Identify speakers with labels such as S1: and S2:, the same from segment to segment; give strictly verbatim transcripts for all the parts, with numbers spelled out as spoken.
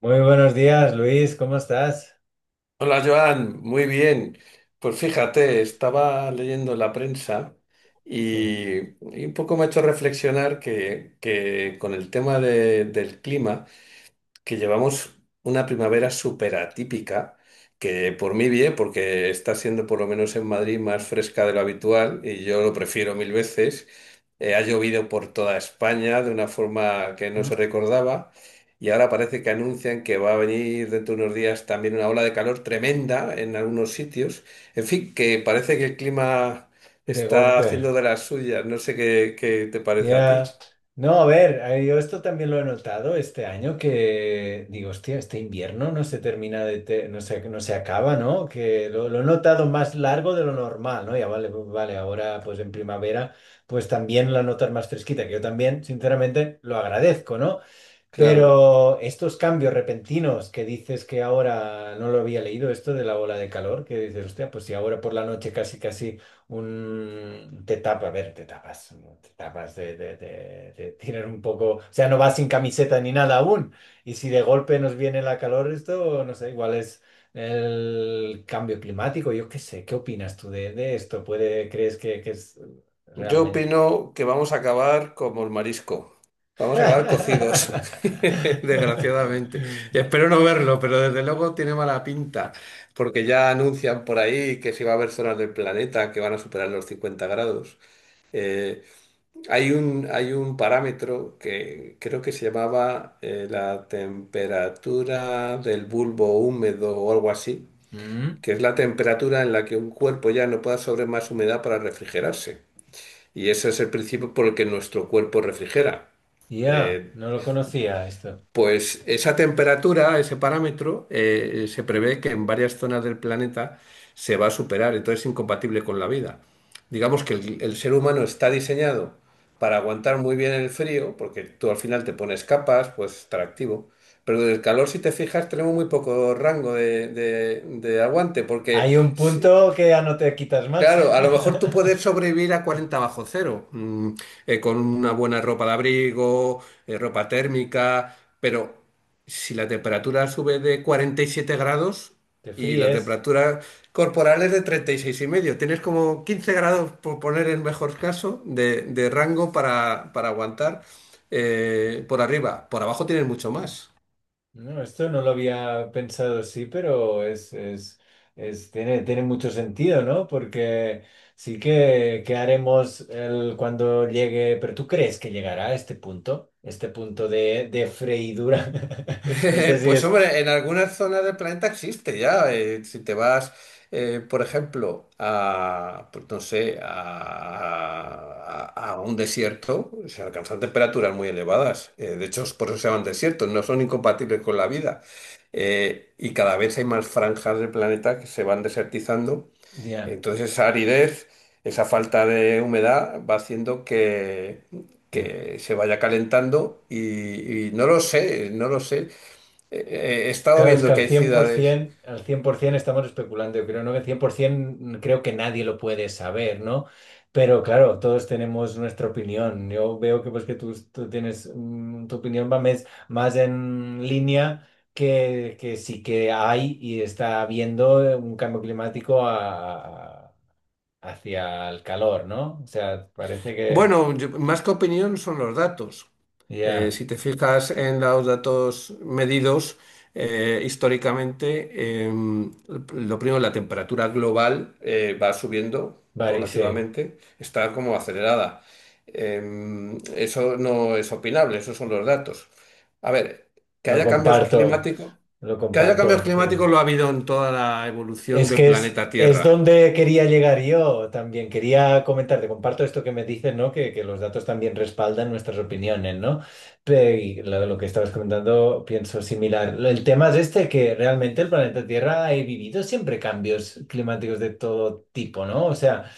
S1: Muy buenos días, Luis, ¿cómo estás?
S2: Hola Joan, muy bien. Pues fíjate, estaba leyendo la prensa
S1: Sí.
S2: y, y un poco me ha hecho reflexionar que, que con el tema de- del clima que llevamos una primavera súper atípica, que por mí bien, porque está siendo por lo menos en Madrid más fresca de lo habitual y yo lo prefiero mil veces. Eh, ha llovido por toda España de una forma que no se
S1: Mm.
S2: recordaba y ahora parece que anuncian que va a venir dentro de unos días también una ola de calor tremenda en algunos sitios. En fin, que parece que el clima
S1: De
S2: está
S1: golpe.
S2: haciendo de las suyas. No sé qué, qué te parece a
S1: Ya.
S2: ti.
S1: No, a ver, eh, yo esto también lo he notado este año que digo, hostia, este invierno no se termina de, te- no se, no se acaba, ¿no? Que lo, lo he notado más largo de lo normal, ¿no? Ya vale, pues vale, ahora pues en primavera pues también la notas más fresquita, que yo también, sinceramente, lo agradezco, ¿no?
S2: Claro.
S1: Pero estos cambios repentinos que dices que ahora no lo había leído, esto de la ola de calor, que dices, hostia, pues si ahora por la noche casi casi un te tapa, a ver, te tapas, te tapas de, de, de- de tirar un poco, o sea, no vas sin camiseta ni nada aún. Y si de golpe nos viene la calor, esto, no sé, igual es el cambio climático, yo qué sé, ¿qué opinas tú de, de esto? ¿Puede, crees que, que es
S2: Yo
S1: realmente?
S2: opino que vamos a acabar como el marisco. Vamos a acabar cocidos, desgraciadamente. Y espero no verlo, pero desde luego tiene mala pinta, porque ya anuncian por ahí que sí va a haber zonas del planeta que van a superar los cincuenta grados. Eh, Hay un, hay un parámetro que creo que se llamaba eh, la temperatura del bulbo húmedo o algo así,
S1: Mm.
S2: que es la temperatura en la que un cuerpo ya no puede absorber más humedad para refrigerarse. Y ese es el principio por el que nuestro cuerpo refrigera.
S1: Ya,
S2: Eh,
S1: no lo conocía esto.
S2: pues esa temperatura, ese parámetro, eh, se prevé que en varias zonas del planeta se va a superar, entonces es incompatible con la vida. Digamos que el, el ser humano está diseñado para aguantar muy bien el frío, porque tú al final te pones capas, pues estar activo. Pero del calor, si te fijas, tenemos muy poco rango de, de- de aguante, porque
S1: Hay un
S2: si-
S1: punto que ya no te quitas más.
S2: Claro, a lo mejor tú puedes sobrevivir a cuarenta bajo cero, mm, eh, con una buena ropa de abrigo, eh, ropa térmica, pero si la temperatura sube de cuarenta y siete grados
S1: Te
S2: y la
S1: fríes.
S2: temperatura corporal es de treinta y seis y medio, tienes como quince grados, por poner el mejor caso, de, de rango para, para aguantar eh, por arriba. Por abajo tienes mucho más.
S1: No, esto no lo había pensado así, pero es, es, es- tiene, tiene mucho sentido, ¿no? Porque sí que, que haremos el, cuando llegue, pero ¿tú crees que llegará a este punto? Este punto de, de freidura. No sé si
S2: Pues
S1: es...
S2: hombre, en algunas zonas del planeta existe ya. Eh, si te vas, eh, por ejemplo, a, pues no sé, a, a- a un desierto, se alcanzan temperaturas muy elevadas. Eh, de hecho, es por eso se llaman desiertos, no son incompatibles con la vida. Eh, y cada vez hay más franjas del planeta que se van desertizando.
S1: Ya,
S2: Entonces, esa aridez, esa falta de humedad va haciendo que...
S1: ya.
S2: que se vaya calentando y y no lo sé, no lo sé. Eh, he estado
S1: Claro, es que
S2: viendo que
S1: al
S2: hay ciudades.
S1: cien por ciento, al cien por ciento estamos especulando, yo creo, ¿no? Que cien por ciento creo que nadie lo puede saber, ¿no? Pero claro, todos tenemos nuestra opinión. Yo veo que pues que tú, tú tienes, mm, tu opinión va mes- más, en línea que, que sí que hay y está habiendo un cambio climático a- hacia el calor, ¿no? O sea, parece que
S2: Bueno, yo- más que opinión son los datos. Eh,
S1: ya,
S2: si te fijas en los datos medidos eh, históricamente, eh, lo primero, la temperatura global eh, va subiendo
S1: vale, sí,
S2: paulativamente, está como acelerada. Eh, eso no es opinable, esos son los datos. A ver, que
S1: lo
S2: haya cambios
S1: comparto,
S2: climáticos,
S1: lo
S2: que haya cambios
S1: comparto, sí.
S2: climáticos lo ha habido en toda la evolución
S1: Es
S2: del
S1: que es,
S2: planeta
S1: es
S2: Tierra.
S1: donde quería llegar yo. También quería comentarte, comparto esto que me dices, ¿no? Que, que los datos también respaldan nuestras opiniones, ¿no? Pe- y lo, lo que estabas comentando, pienso similar. Lo- El tema es este, que realmente el planeta Tierra ha vivido siempre cambios climáticos de todo tipo, ¿no? O sea,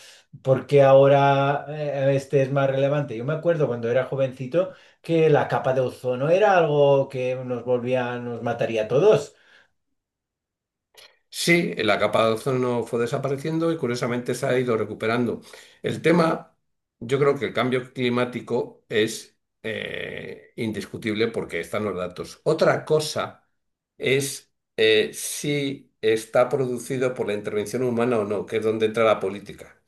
S1: porque ahora eh, este es más relevante? Yo me acuerdo cuando era jovencito que la capa de ozono era algo que nos volvía, nos mataría a todos.
S2: Sí, la capa de ozono fue desapareciendo y curiosamente se ha ido recuperando. El tema, yo creo que el cambio climático es eh, indiscutible porque están los datos. Otra cosa es eh, si está producido por la intervención humana o no, que es donde entra la política.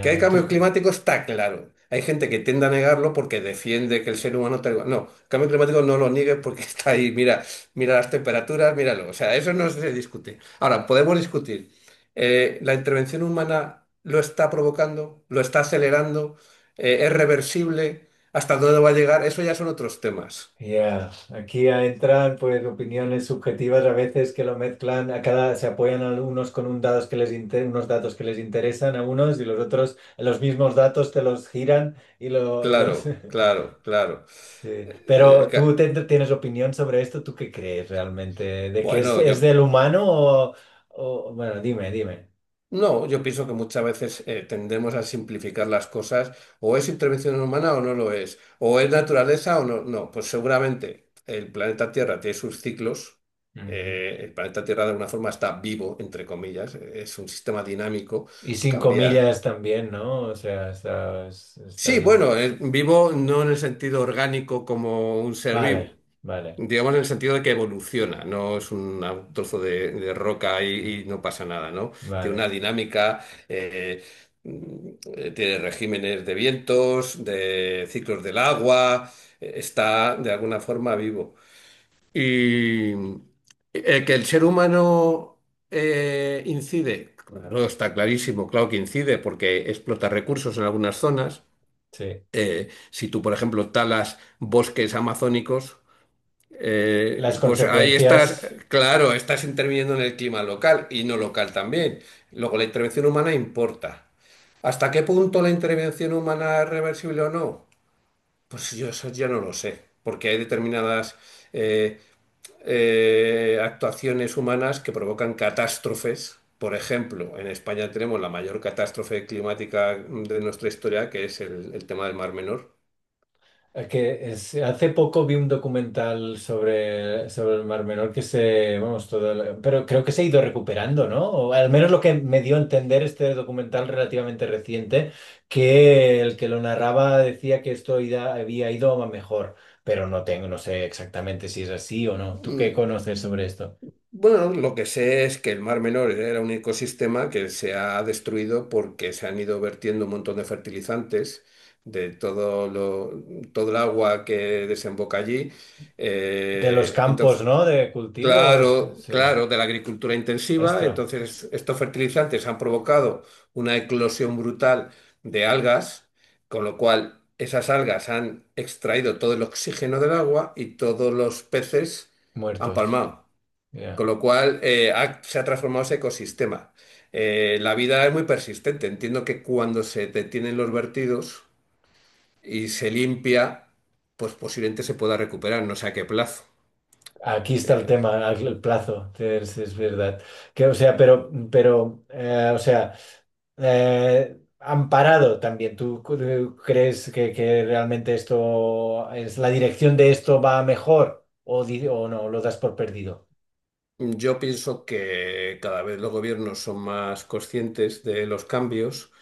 S2: Que hay
S1: ¿y tú?
S2: cambios climáticos está claro. Hay gente que tiende a negarlo porque defiende que el ser humano... tal- No, cambio climático no lo niegues porque está ahí. Mira, mira las temperaturas, míralo. O sea, eso no se discute. Ahora, podemos discutir. Eh, ¿la intervención humana lo está provocando? ¿Lo está acelerando? Eh, ¿es reversible? ¿Hasta dónde va a llegar? Eso ya son otros temas.
S1: Ya, aquí ya entran pues opiniones subjetivas a veces que lo mezclan, a cada se apoyan a unos con un datos que les inte- unos datos que les interesan a unos y los otros los mismos datos te los giran y lo y los
S2: Claro, claro, claro.
S1: Sí.
S2: Eh, el
S1: Pero tú
S2: ca-
S1: te- tienes opinión sobre esto, ¿tú qué crees realmente? ¿De que es,
S2: Bueno,
S1: es
S2: yo...
S1: del humano o, o- bueno, dime, dime.
S2: No, yo pienso que muchas veces eh, tendemos a simplificar las cosas. O es intervención humana o no lo es. O es naturaleza o no. No, pues seguramente el planeta Tierra tiene sus ciclos.
S1: Ujú.
S2: Eh, el planeta Tierra de alguna forma está vivo, entre comillas. eh, Es un sistema dinámico,
S1: Y cinco
S2: cambia.
S1: millas también, ¿no? O sea, está, está
S2: Sí,
S1: vivo.
S2: bueno, eh, vivo no en el sentido orgánico como un ser vivo.
S1: Vale, vale,
S2: Digamos en el sentido de que evoluciona, no es un trozo de, de roca y, y no pasa nada, ¿no? Tiene
S1: vale.
S2: una dinámica, eh, mm, eh, tiene regímenes de vientos, de ciclos del agua, eh, está de alguna forma vivo. Y eh, que el ser humano eh, incide, claro, está clarísimo, claro que incide porque explota recursos en algunas zonas.
S1: Sí.
S2: Eh, si tú, por ejemplo, talas bosques amazónicos, eh,
S1: Las
S2: pues ahí estás,
S1: consecuencias,
S2: claro, estás interviniendo en el clima local y no local también. Luego, la intervención humana importa. ¿Hasta qué punto la intervención humana es reversible o no? Pues yo eso ya no lo sé, porque hay determinadas eh, eh, actuaciones humanas que provocan catástrofes. Por ejemplo, en España tenemos la mayor catástrofe climática de nuestra historia, que es el, el tema del Mar Menor.
S1: eh, que es- hace poco vi un documental sobre, sobre el Mar Menor que se, vamos, todo, el- pero creo que se ha ido recuperando, ¿no? O al menos lo que me dio a entender este documental relativamente reciente, que el que lo narraba decía que esto ida- había ido a mejor, pero no tengo, no sé exactamente si es así o no. ¿Tú qué
S2: Mm,
S1: conoces sobre esto?
S2: Bueno, lo que sé es que el Mar Menor era un ecosistema que se ha destruido porque se han ido vertiendo un montón de fertilizantes de todo lo, todo el agua que desemboca allí.
S1: De los
S2: Eh,
S1: campos,
S2: entonces,
S1: ¿no? De cultivo, es-
S2: claro,
S1: sí,
S2: claro, de la agricultura intensiva.
S1: esto,
S2: Entonces, estos fertilizantes han provocado una eclosión brutal de algas, con lo cual esas algas han extraído todo el oxígeno del agua y todos los peces han
S1: muertos.
S2: palmado. Con
S1: Ya.
S2: lo cual, eh, ha- se ha transformado ese ecosistema. Eh, la vida es muy persistente. Entiendo que cuando se detienen los vertidos y se limpia, pues posiblemente se pueda recuperar, no sé a qué plazo.
S1: Aquí está el
S2: Eh,
S1: tema, el plazo, es, es verdad. Que, o sea, pero, pero eh, o sea, eh, han parado también. ¿Tú cre- crees que, que realmente esto es la dirección de esto va a mejor o, di- o no? Lo das por perdido
S2: yo pienso que cada vez los gobiernos son más conscientes de los cambios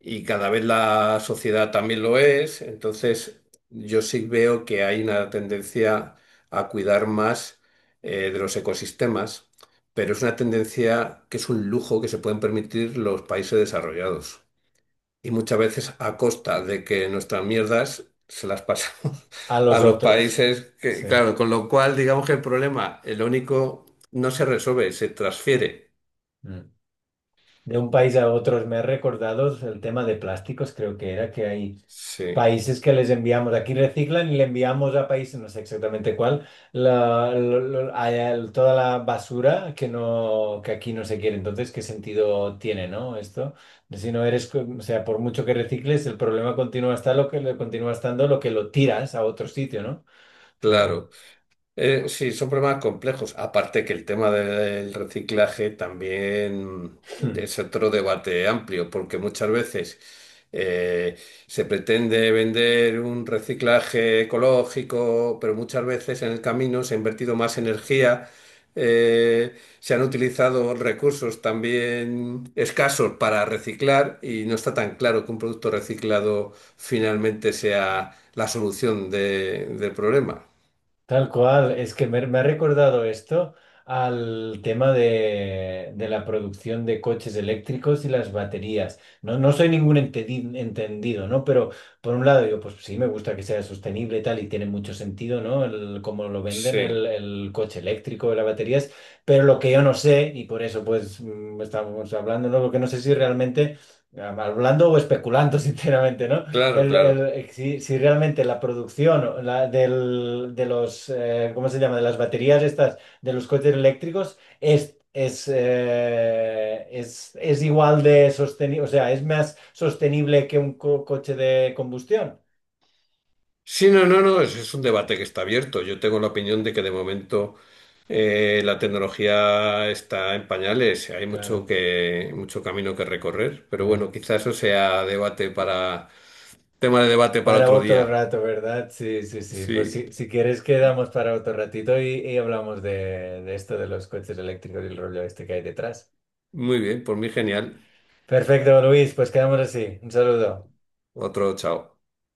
S2: y cada vez la sociedad también lo es. Entonces, yo sí veo que hay una tendencia a cuidar más eh, de los ecosistemas, pero es una tendencia que es un lujo que se pueden permitir los países desarrollados. Y muchas veces a costa de que nuestras mierdas se las pasamos
S1: a
S2: a
S1: los
S2: los
S1: otros.
S2: países que,
S1: Sí.
S2: claro, con lo cual digamos que el problema, el único, no se resuelve, se transfiere.
S1: Mm. De un país a otros me he recordado el tema de plásticos, creo que era que hay.
S2: Sí,
S1: Países que les enviamos, aquí reciclan y le enviamos a países, no sé exactamente cuál, la- lo- lo- a- el- toda la basura que no, que aquí no se quiere. Entonces, ¿qué sentido tiene, no? Esto, si no eres, co- o sea, por mucho que recicles, el problema continúa está lo que continúa estando lo que lo tiras a otro sitio, ¿no? O sea,
S2: claro. Eh, sí, son problemas complejos. Aparte que el tema del reciclaje también es otro debate amplio, porque muchas veces eh, se pretende vender un reciclaje ecológico, pero muchas veces en el camino se ha invertido más energía, eh, se han utilizado recursos también escasos para reciclar y no está tan claro que un producto reciclado finalmente sea la solución de- del problema.
S1: Tal cual, es que me, me ha recordado esto al tema de, de la producción de coches eléctricos y las baterías. No, no soy ningún entedi- entendido, ¿no? Pero por un lado digo, pues sí, me gusta que sea sostenible y tal, y tiene mucho sentido, ¿no? El, cómo lo venden el,
S2: Sí.
S1: el coche eléctrico, las baterías, pero lo que yo no sé, y por eso pues mm, estamos hablando, ¿no? Porque no sé si realmente, ah, hablando o especulando, sinceramente, ¿no?
S2: Claro,
S1: El, el-
S2: claro.
S1: eh, si, si realmente la producción o la- del- de los, eh, ¿cómo se llama? De las baterías estas, de los coches eléctricos, es, es, eh, es, es igual de sostenible, o sea, es más sostenible que un co- coche de combustión.
S2: Sí, no, no, no, es, es un debate que está abierto. Yo tengo la opinión de que de momento eh, la tecnología está en pañales, hay mucho
S1: Claro.
S2: que, mucho camino que recorrer, pero
S1: Ya.
S2: bueno, quizás eso sea debate para, tema de debate para
S1: Para
S2: otro
S1: otro
S2: día.
S1: rato, ¿verdad? Sí, sí, sí. Pues
S2: Sí,
S1: si, si quieres quedamos para otro ratito y, y hablamos de, de esto de los coches eléctricos y el rollo este que hay detrás.
S2: muy bien, por mí genial.
S1: Perfecto, Luis, pues quedamos así. Un saludo.
S2: Otro chao.